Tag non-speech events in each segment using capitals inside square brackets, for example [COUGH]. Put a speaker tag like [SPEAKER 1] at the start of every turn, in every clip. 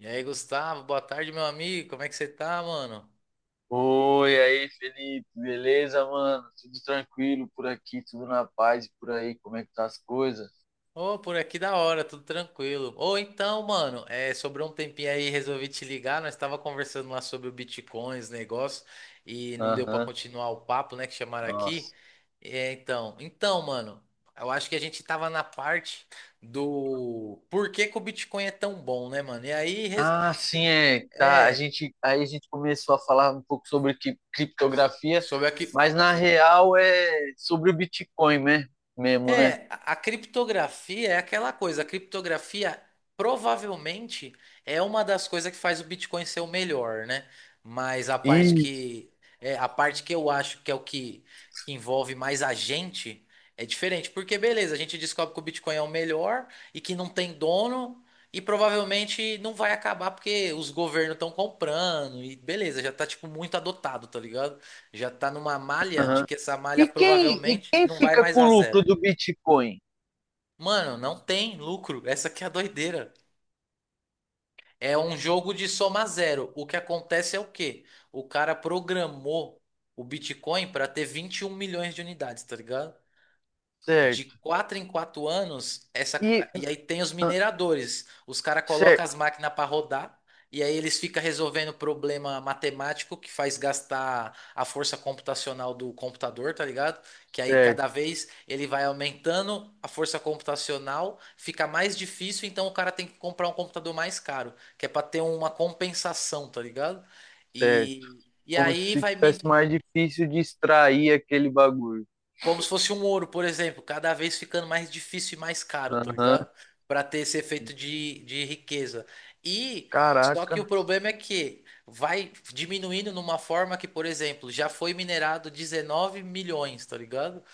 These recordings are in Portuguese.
[SPEAKER 1] E aí, Gustavo, boa tarde, meu amigo. Como é que você tá, mano?
[SPEAKER 2] Oi, aí, Felipe, beleza, mano? Tudo tranquilo por aqui, tudo na paz e por aí, como é que tá as coisas?
[SPEAKER 1] Ô, por aqui da hora, tudo tranquilo. Ou então, mano, é, sobrou um tempinho aí, resolvi te ligar. Nós tava conversando lá sobre o Bitcoin, os negócios, e não deu pra
[SPEAKER 2] Aham,
[SPEAKER 1] continuar o papo, né, que chamaram aqui.
[SPEAKER 2] nossa.
[SPEAKER 1] É, então, mano, eu acho que a gente tava na parte do por que que o Bitcoin é tão bom, né, mano? E aí,
[SPEAKER 2] Ah, sim, é, tá, a
[SPEAKER 1] é,
[SPEAKER 2] gente, aí a gente começou a falar um pouco sobre criptografia,
[SPEAKER 1] sobre aqui.
[SPEAKER 2] mas na real é sobre o Bitcoin, né, mesmo, né?
[SPEAKER 1] É, a criptografia é aquela coisa. A criptografia provavelmente é uma das coisas que faz o Bitcoin ser o melhor, né? Mas a parte
[SPEAKER 2] Isso,
[SPEAKER 1] que É a parte que eu acho que é que envolve mais a gente é diferente, porque beleza, a gente descobre que o Bitcoin é o melhor e que não tem dono e provavelmente não vai acabar porque os governos estão comprando e beleza, já tá tipo muito adotado, tá ligado? Já tá numa malha de
[SPEAKER 2] aham.
[SPEAKER 1] que essa malha
[SPEAKER 2] E quem, e
[SPEAKER 1] provavelmente
[SPEAKER 2] quem
[SPEAKER 1] não vai
[SPEAKER 2] fica
[SPEAKER 1] mais
[SPEAKER 2] com o
[SPEAKER 1] a zero.
[SPEAKER 2] lucro do Bitcoin?
[SPEAKER 1] Mano, não tem lucro. Essa aqui é a doideira. É um jogo de soma zero. O que acontece é o quê? O cara programou o Bitcoin para ter 21 milhões de unidades, tá ligado? De
[SPEAKER 2] Certo.
[SPEAKER 1] quatro em quatro anos,
[SPEAKER 2] E,
[SPEAKER 1] e aí tem os
[SPEAKER 2] ah,
[SPEAKER 1] mineradores. Os caras colocam as
[SPEAKER 2] certo,
[SPEAKER 1] máquinas para rodar, e aí eles ficam resolvendo problema matemático que faz gastar a força computacional do computador, tá ligado? Que aí cada
[SPEAKER 2] certo,
[SPEAKER 1] vez ele vai aumentando a força computacional, fica mais difícil, então o cara tem que comprar um computador mais caro, que é para ter uma compensação, tá ligado?
[SPEAKER 2] certo.
[SPEAKER 1] E
[SPEAKER 2] Como
[SPEAKER 1] aí
[SPEAKER 2] se
[SPEAKER 1] vai,
[SPEAKER 2] tivesse mais difícil de extrair aquele bagulho.
[SPEAKER 1] como se fosse um ouro, por exemplo, cada vez ficando mais difícil e mais caro, tá
[SPEAKER 2] Aham.
[SPEAKER 1] ligado? Para ter esse efeito de riqueza. E só que o
[SPEAKER 2] Caraca.
[SPEAKER 1] problema é que vai diminuindo numa forma que, por exemplo, já foi minerado 19 milhões, tá ligado?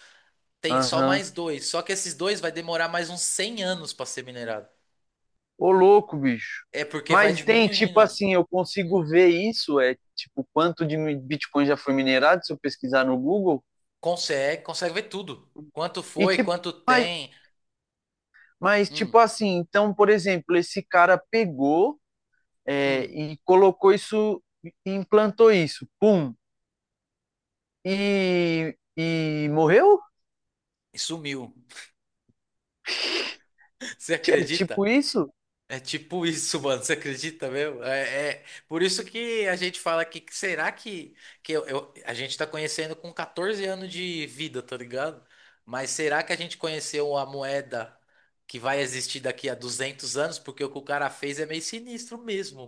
[SPEAKER 1] Tem só
[SPEAKER 2] Aham.
[SPEAKER 1] mais dois. Só que esses dois vai demorar mais uns 100 anos para ser minerado.
[SPEAKER 2] Ô, louco, bicho.
[SPEAKER 1] É porque vai
[SPEAKER 2] Mas tem,
[SPEAKER 1] diminuindo.
[SPEAKER 2] tipo assim, eu
[SPEAKER 1] Hum.
[SPEAKER 2] consigo ver isso, é, tipo, quanto de Bitcoin já foi minerado, se eu pesquisar no Google.
[SPEAKER 1] Consegue, consegue ver tudo. Quanto
[SPEAKER 2] E,
[SPEAKER 1] foi,
[SPEAKER 2] tipo,
[SPEAKER 1] quanto
[SPEAKER 2] mas,
[SPEAKER 1] tem.
[SPEAKER 2] mas tipo
[SPEAKER 1] Hum,
[SPEAKER 2] assim, então, por exemplo, esse cara pegou, é,
[SPEAKER 1] hum.
[SPEAKER 2] e colocou isso, e implantou isso, pum, e morreu?
[SPEAKER 1] E sumiu. [LAUGHS] Você
[SPEAKER 2] É tipo
[SPEAKER 1] acredita?
[SPEAKER 2] isso?
[SPEAKER 1] É tipo isso, [LAUGHS] mano. Você acredita mesmo? É, por isso que a gente fala que será a gente tá conhecendo com 14 anos de vida, tá ligado? Mas será que a gente conheceu a moeda que vai existir daqui a 200 anos? Porque o que o cara fez é meio sinistro mesmo.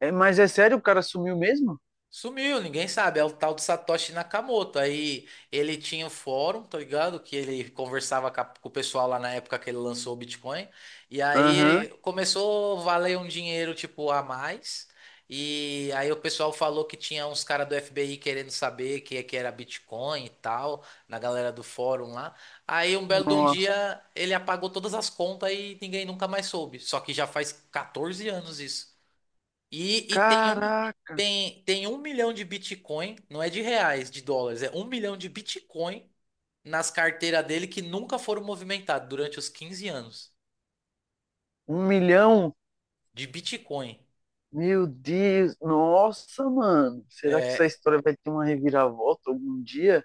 [SPEAKER 2] É, mas é sério, o cara sumiu mesmo?
[SPEAKER 1] Sumiu, ninguém sabe. É o tal do Satoshi Nakamoto. Aí ele tinha o fórum, tá ligado? Que ele conversava com o pessoal lá na época que ele lançou o Bitcoin. E
[SPEAKER 2] Aham.
[SPEAKER 1] aí começou a valer um dinheiro, tipo, a mais. E aí o pessoal falou que tinha uns caras do FBI querendo saber que é que era Bitcoin e tal, na galera do fórum lá. Aí um belo de um
[SPEAKER 2] Nossa,
[SPEAKER 1] dia ele apagou todas as contas e ninguém nunca mais soube. Só que já faz 14 anos isso. E tem um,
[SPEAKER 2] caraca,
[SPEAKER 1] tem, tem um milhão de Bitcoin, não é de reais, de dólares, é um milhão de Bitcoin nas carteiras dele que nunca foram movimentados durante os 15 anos
[SPEAKER 2] um milhão?
[SPEAKER 1] de Bitcoin.
[SPEAKER 2] Meu Deus, nossa, mano. Será que essa
[SPEAKER 1] É,
[SPEAKER 2] história vai ter uma reviravolta algum dia?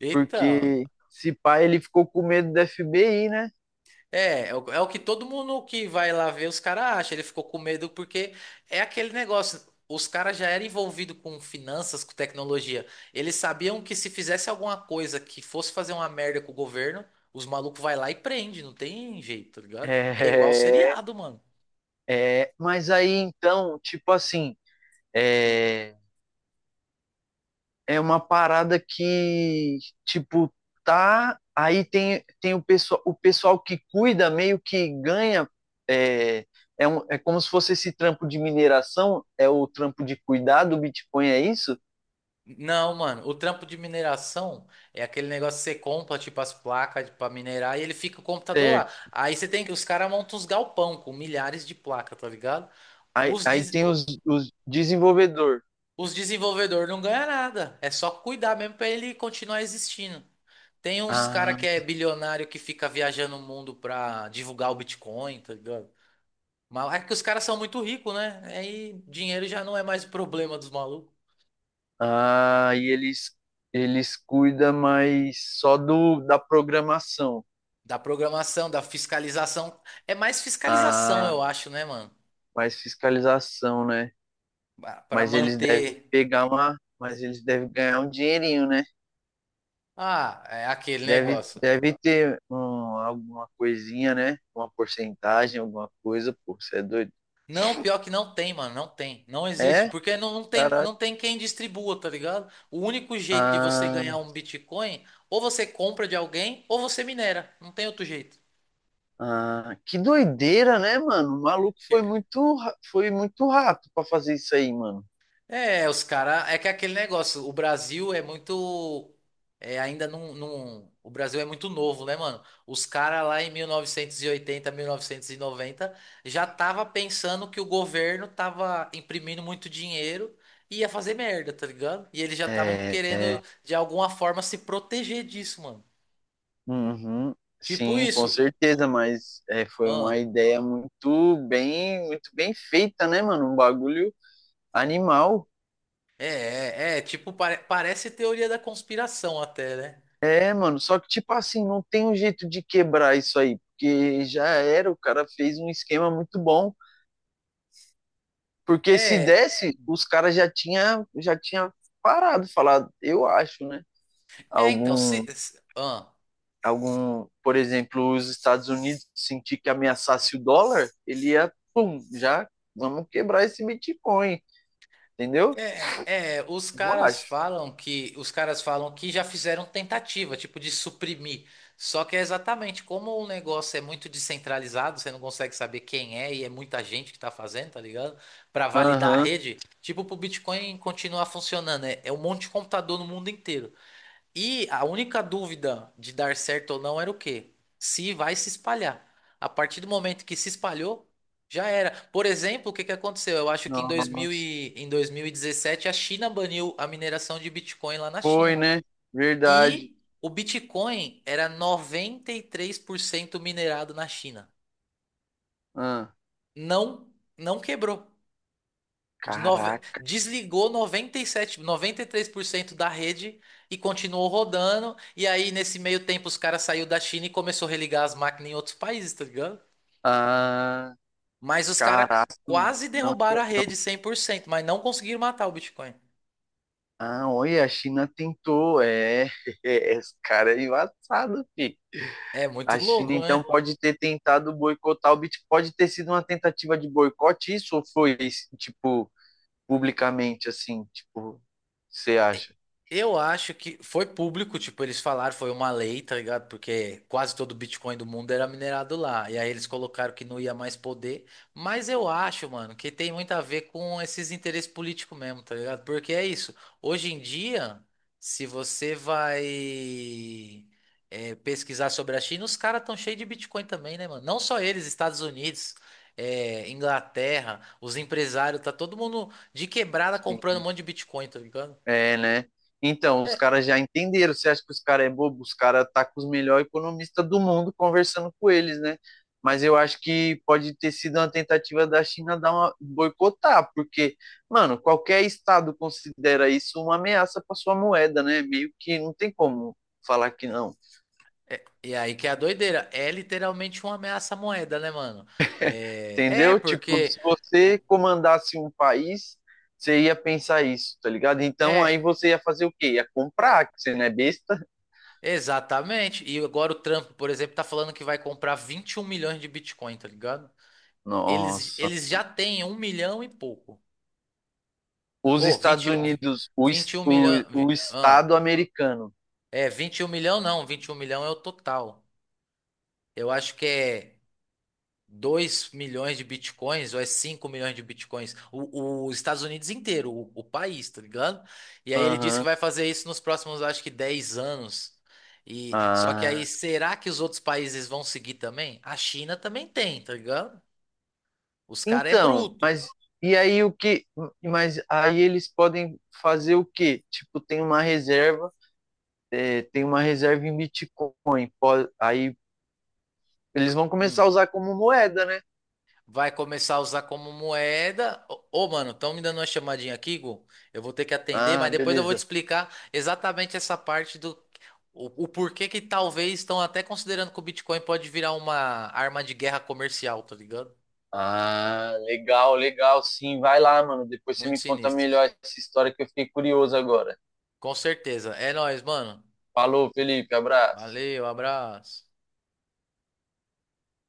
[SPEAKER 1] eita.
[SPEAKER 2] Porque se pá, ele ficou com medo da FBI, né?
[SPEAKER 1] É, é o que todo mundo que vai lá ver, os caras acham. Ele ficou com medo porque é aquele negócio. Os caras já eram envolvidos com finanças, com tecnologia. Eles sabiam que se fizesse alguma coisa que fosse fazer uma merda com o governo, os malucos vai lá e prende. Não tem jeito, tá
[SPEAKER 2] [LAUGHS]
[SPEAKER 1] ligado? É igual
[SPEAKER 2] É,
[SPEAKER 1] seriado, mano.
[SPEAKER 2] é, mas aí então, tipo assim,
[SPEAKER 1] Hum.
[SPEAKER 2] é, é uma parada que, tipo, tá. Aí tem, tem o pessoal que cuida, meio que ganha. É, é, um, é como se fosse esse trampo de mineração, é o trampo de cuidar do Bitcoin, é isso?
[SPEAKER 1] Não, mano, o trampo de mineração é aquele negócio que você compra, tipo, as placas pra minerar e ele fica o computador
[SPEAKER 2] É,
[SPEAKER 1] lá. Aí você tem que, os caras montam uns galpão com milhares de placas, tá ligado?
[SPEAKER 2] aí,
[SPEAKER 1] Os,
[SPEAKER 2] aí
[SPEAKER 1] des-
[SPEAKER 2] tem os desenvolvedor.
[SPEAKER 1] Os desenvolvedores não ganham nada. É só cuidar mesmo pra ele continuar existindo. Tem uns cara
[SPEAKER 2] Ah,
[SPEAKER 1] que é bilionário que fica viajando o mundo pra divulgar o Bitcoin, tá ligado? Mas é que os caras são muito ricos, né? Aí dinheiro já não é mais o problema dos malucos.
[SPEAKER 2] ah, e eles cuidam mais só do, da programação.
[SPEAKER 1] Da programação, da fiscalização. É mais fiscalização,
[SPEAKER 2] Ah,
[SPEAKER 1] eu acho, né, mano?
[SPEAKER 2] mais fiscalização, né?
[SPEAKER 1] Pra
[SPEAKER 2] Mas eles devem
[SPEAKER 1] manter.
[SPEAKER 2] pegar uma. Mas eles devem ganhar um dinheirinho, né?
[SPEAKER 1] Ah, é aquele
[SPEAKER 2] Deve,
[SPEAKER 1] negócio.
[SPEAKER 2] deve ter um, alguma coisinha, né? Uma porcentagem, alguma coisa, pô, você é doido.
[SPEAKER 1] Não, pior que não tem, mano, não tem, não existe,
[SPEAKER 2] É?
[SPEAKER 1] porque não, não tem,
[SPEAKER 2] Caraca.
[SPEAKER 1] não tem quem distribua, tá ligado? O único jeito de você
[SPEAKER 2] Ah,
[SPEAKER 1] ganhar um Bitcoin, ou você compra de alguém, ou você minera, não tem outro jeito.
[SPEAKER 2] ah, que doideira, né, mano? O maluco foi muito, foi muito rato pra fazer isso aí, mano.
[SPEAKER 1] É, os caras. É que é aquele negócio. O Brasil é muito. É, ainda não, não. O Brasil é muito novo, né, mano? Os caras lá em mil novecentos e oitenta, 1990, já tava pensando que o governo tava imprimindo muito dinheiro e ia fazer merda, tá ligado? E eles já estavam
[SPEAKER 2] É, é,
[SPEAKER 1] querendo, de alguma forma, se proteger disso, mano.
[SPEAKER 2] uhum,
[SPEAKER 1] Tipo
[SPEAKER 2] sim, com
[SPEAKER 1] isso.
[SPEAKER 2] certeza,
[SPEAKER 1] O-
[SPEAKER 2] mas é, foi uma
[SPEAKER 1] Ah,
[SPEAKER 2] ideia muito bem feita, né, mano? Um bagulho animal.
[SPEAKER 1] é, é, é. Tipo, parece teoria da conspiração até, né?
[SPEAKER 2] É, mano, só que, tipo assim, não tem um jeito de quebrar isso aí, porque já era, o cara fez um esquema muito bom, porque se
[SPEAKER 1] É.
[SPEAKER 2] desse, os caras já tinha parado, falado, eu acho, né?
[SPEAKER 1] É, então,
[SPEAKER 2] Algum,
[SPEAKER 1] ah.
[SPEAKER 2] algum, por exemplo, os Estados Unidos sentir que ameaçasse o dólar, ele ia, pum, já vamos quebrar esse Bitcoin, entendeu?
[SPEAKER 1] É, os
[SPEAKER 2] Eu
[SPEAKER 1] caras
[SPEAKER 2] acho.
[SPEAKER 1] falam que já fizeram tentativa, tipo, de suprimir. Só que é exatamente como o negócio é muito descentralizado, você não consegue saber quem é e é muita gente que tá fazendo, tá ligado? Pra validar a
[SPEAKER 2] Aham.
[SPEAKER 1] rede, tipo, pro Bitcoin continuar funcionando, é um monte de computador no mundo inteiro. E a única dúvida de dar certo ou não era o quê? Se vai se espalhar. A partir do momento que se espalhou, já era. Por exemplo, o que que aconteceu? Eu acho que em 2000
[SPEAKER 2] Nossa.
[SPEAKER 1] e, em 2017 a China baniu a mineração de Bitcoin lá na
[SPEAKER 2] Foi,
[SPEAKER 1] China.
[SPEAKER 2] né? Verdade.
[SPEAKER 1] E o Bitcoin era 93% minerado na China.
[SPEAKER 2] Ah,
[SPEAKER 1] Não, não quebrou.
[SPEAKER 2] caraca.
[SPEAKER 1] Desligou 93% da rede e continuou rodando. E aí, nesse meio tempo, os caras saiu da China e começou a religar as máquinas em outros países, tá ligado?
[SPEAKER 2] Ah,
[SPEAKER 1] Mas os caras
[SPEAKER 2] caraca.
[SPEAKER 1] quase derrubaram a rede 100%, mas não conseguiram matar o Bitcoin.
[SPEAKER 2] Ah, olha, a China tentou. É, [LAUGHS] esse cara é embaçado, fi.
[SPEAKER 1] É muito
[SPEAKER 2] A China
[SPEAKER 1] louco,
[SPEAKER 2] então
[SPEAKER 1] né?
[SPEAKER 2] pode ter tentado boicotar o Bitcoin. Pode ter sido uma tentativa de boicote, isso ou foi, tipo, publicamente, assim, tipo, você acha?
[SPEAKER 1] Eu acho que foi público, tipo, eles falaram, foi uma lei, tá ligado? Porque quase todo o Bitcoin do mundo era minerado lá. E aí eles colocaram que não ia mais poder. Mas eu acho, mano, que tem muito a ver com esses interesses políticos mesmo, tá ligado? Porque é isso. Hoje em dia, se você vai pesquisar sobre a China, os caras estão cheios de Bitcoin também, né, mano? Não só eles, Estados Unidos, Inglaterra, os empresários, tá todo mundo de quebrada comprando
[SPEAKER 2] Sim.
[SPEAKER 1] um monte de Bitcoin, tá ligado?
[SPEAKER 2] É, né? Então, os caras já entenderam. Você acha que os caras é bobo? Os caras tá com os melhores economistas do mundo conversando com eles, né? Mas eu acho que pode ter sido uma tentativa da China dar uma boicotar, porque, mano, qualquer estado considera isso uma ameaça para sua moeda, né? Meio que não tem como falar que não.
[SPEAKER 1] E aí que é a doideira. É literalmente uma ameaça à moeda, né, mano? É, é
[SPEAKER 2] Entendeu? Tipo,
[SPEAKER 1] porque.
[SPEAKER 2] se
[SPEAKER 1] o-
[SPEAKER 2] você comandasse um país, você ia pensar isso, tá ligado? Então aí
[SPEAKER 1] É,
[SPEAKER 2] você ia fazer o quê? Ia comprar, que você não é besta?
[SPEAKER 1] exatamente. E agora o Trump, por exemplo, tá falando que vai comprar 21 milhões de Bitcoin, tá ligado? Eles,
[SPEAKER 2] Nossa.
[SPEAKER 1] eles já têm um milhão e pouco.
[SPEAKER 2] Os
[SPEAKER 1] Ô,
[SPEAKER 2] Estados
[SPEAKER 1] 20 e- um vi-
[SPEAKER 2] Unidos, o,
[SPEAKER 1] 21 milhão.
[SPEAKER 2] o
[SPEAKER 1] vi- ah,
[SPEAKER 2] Estado americano.
[SPEAKER 1] é, vinte e um milhão não, 21 milhão é o total. Eu acho que é, 2 milhões de bitcoins, ou é 5 milhões de bitcoins, os Estados Unidos inteiro, o país, tá ligado? E aí ele disse que
[SPEAKER 2] Aham.
[SPEAKER 1] vai fazer isso nos próximos, acho que 10 anos. E só que aí,
[SPEAKER 2] Ah.
[SPEAKER 1] será que os outros países vão seguir também? A China também tem, tá ligado? Os caras é
[SPEAKER 2] Então,
[SPEAKER 1] bruto.
[SPEAKER 2] mas e aí o que? Mas aí eles podem fazer o quê? Tipo, tem uma reserva, é, tem uma reserva em Bitcoin. Aí eles vão começar a
[SPEAKER 1] Hum.
[SPEAKER 2] usar como moeda, né?
[SPEAKER 1] Vai começar a usar como moeda. Ô, ô, mano, estão me dando uma chamadinha aqui, Gu. Eu vou ter que atender,
[SPEAKER 2] Ah,
[SPEAKER 1] mas depois eu vou te
[SPEAKER 2] beleza.
[SPEAKER 1] explicar exatamente essa parte do O, o porquê que talvez estão até considerando que o Bitcoin pode virar uma arma de guerra comercial, tá ligado?
[SPEAKER 2] Ah, legal, legal, sim. Vai lá, mano. Depois você
[SPEAKER 1] Muito
[SPEAKER 2] me conta
[SPEAKER 1] sinistro.
[SPEAKER 2] melhor essa história que eu fiquei curioso agora.
[SPEAKER 1] Com certeza. É nóis, mano.
[SPEAKER 2] Falou, Felipe. Abraço.
[SPEAKER 1] Valeu, abraço.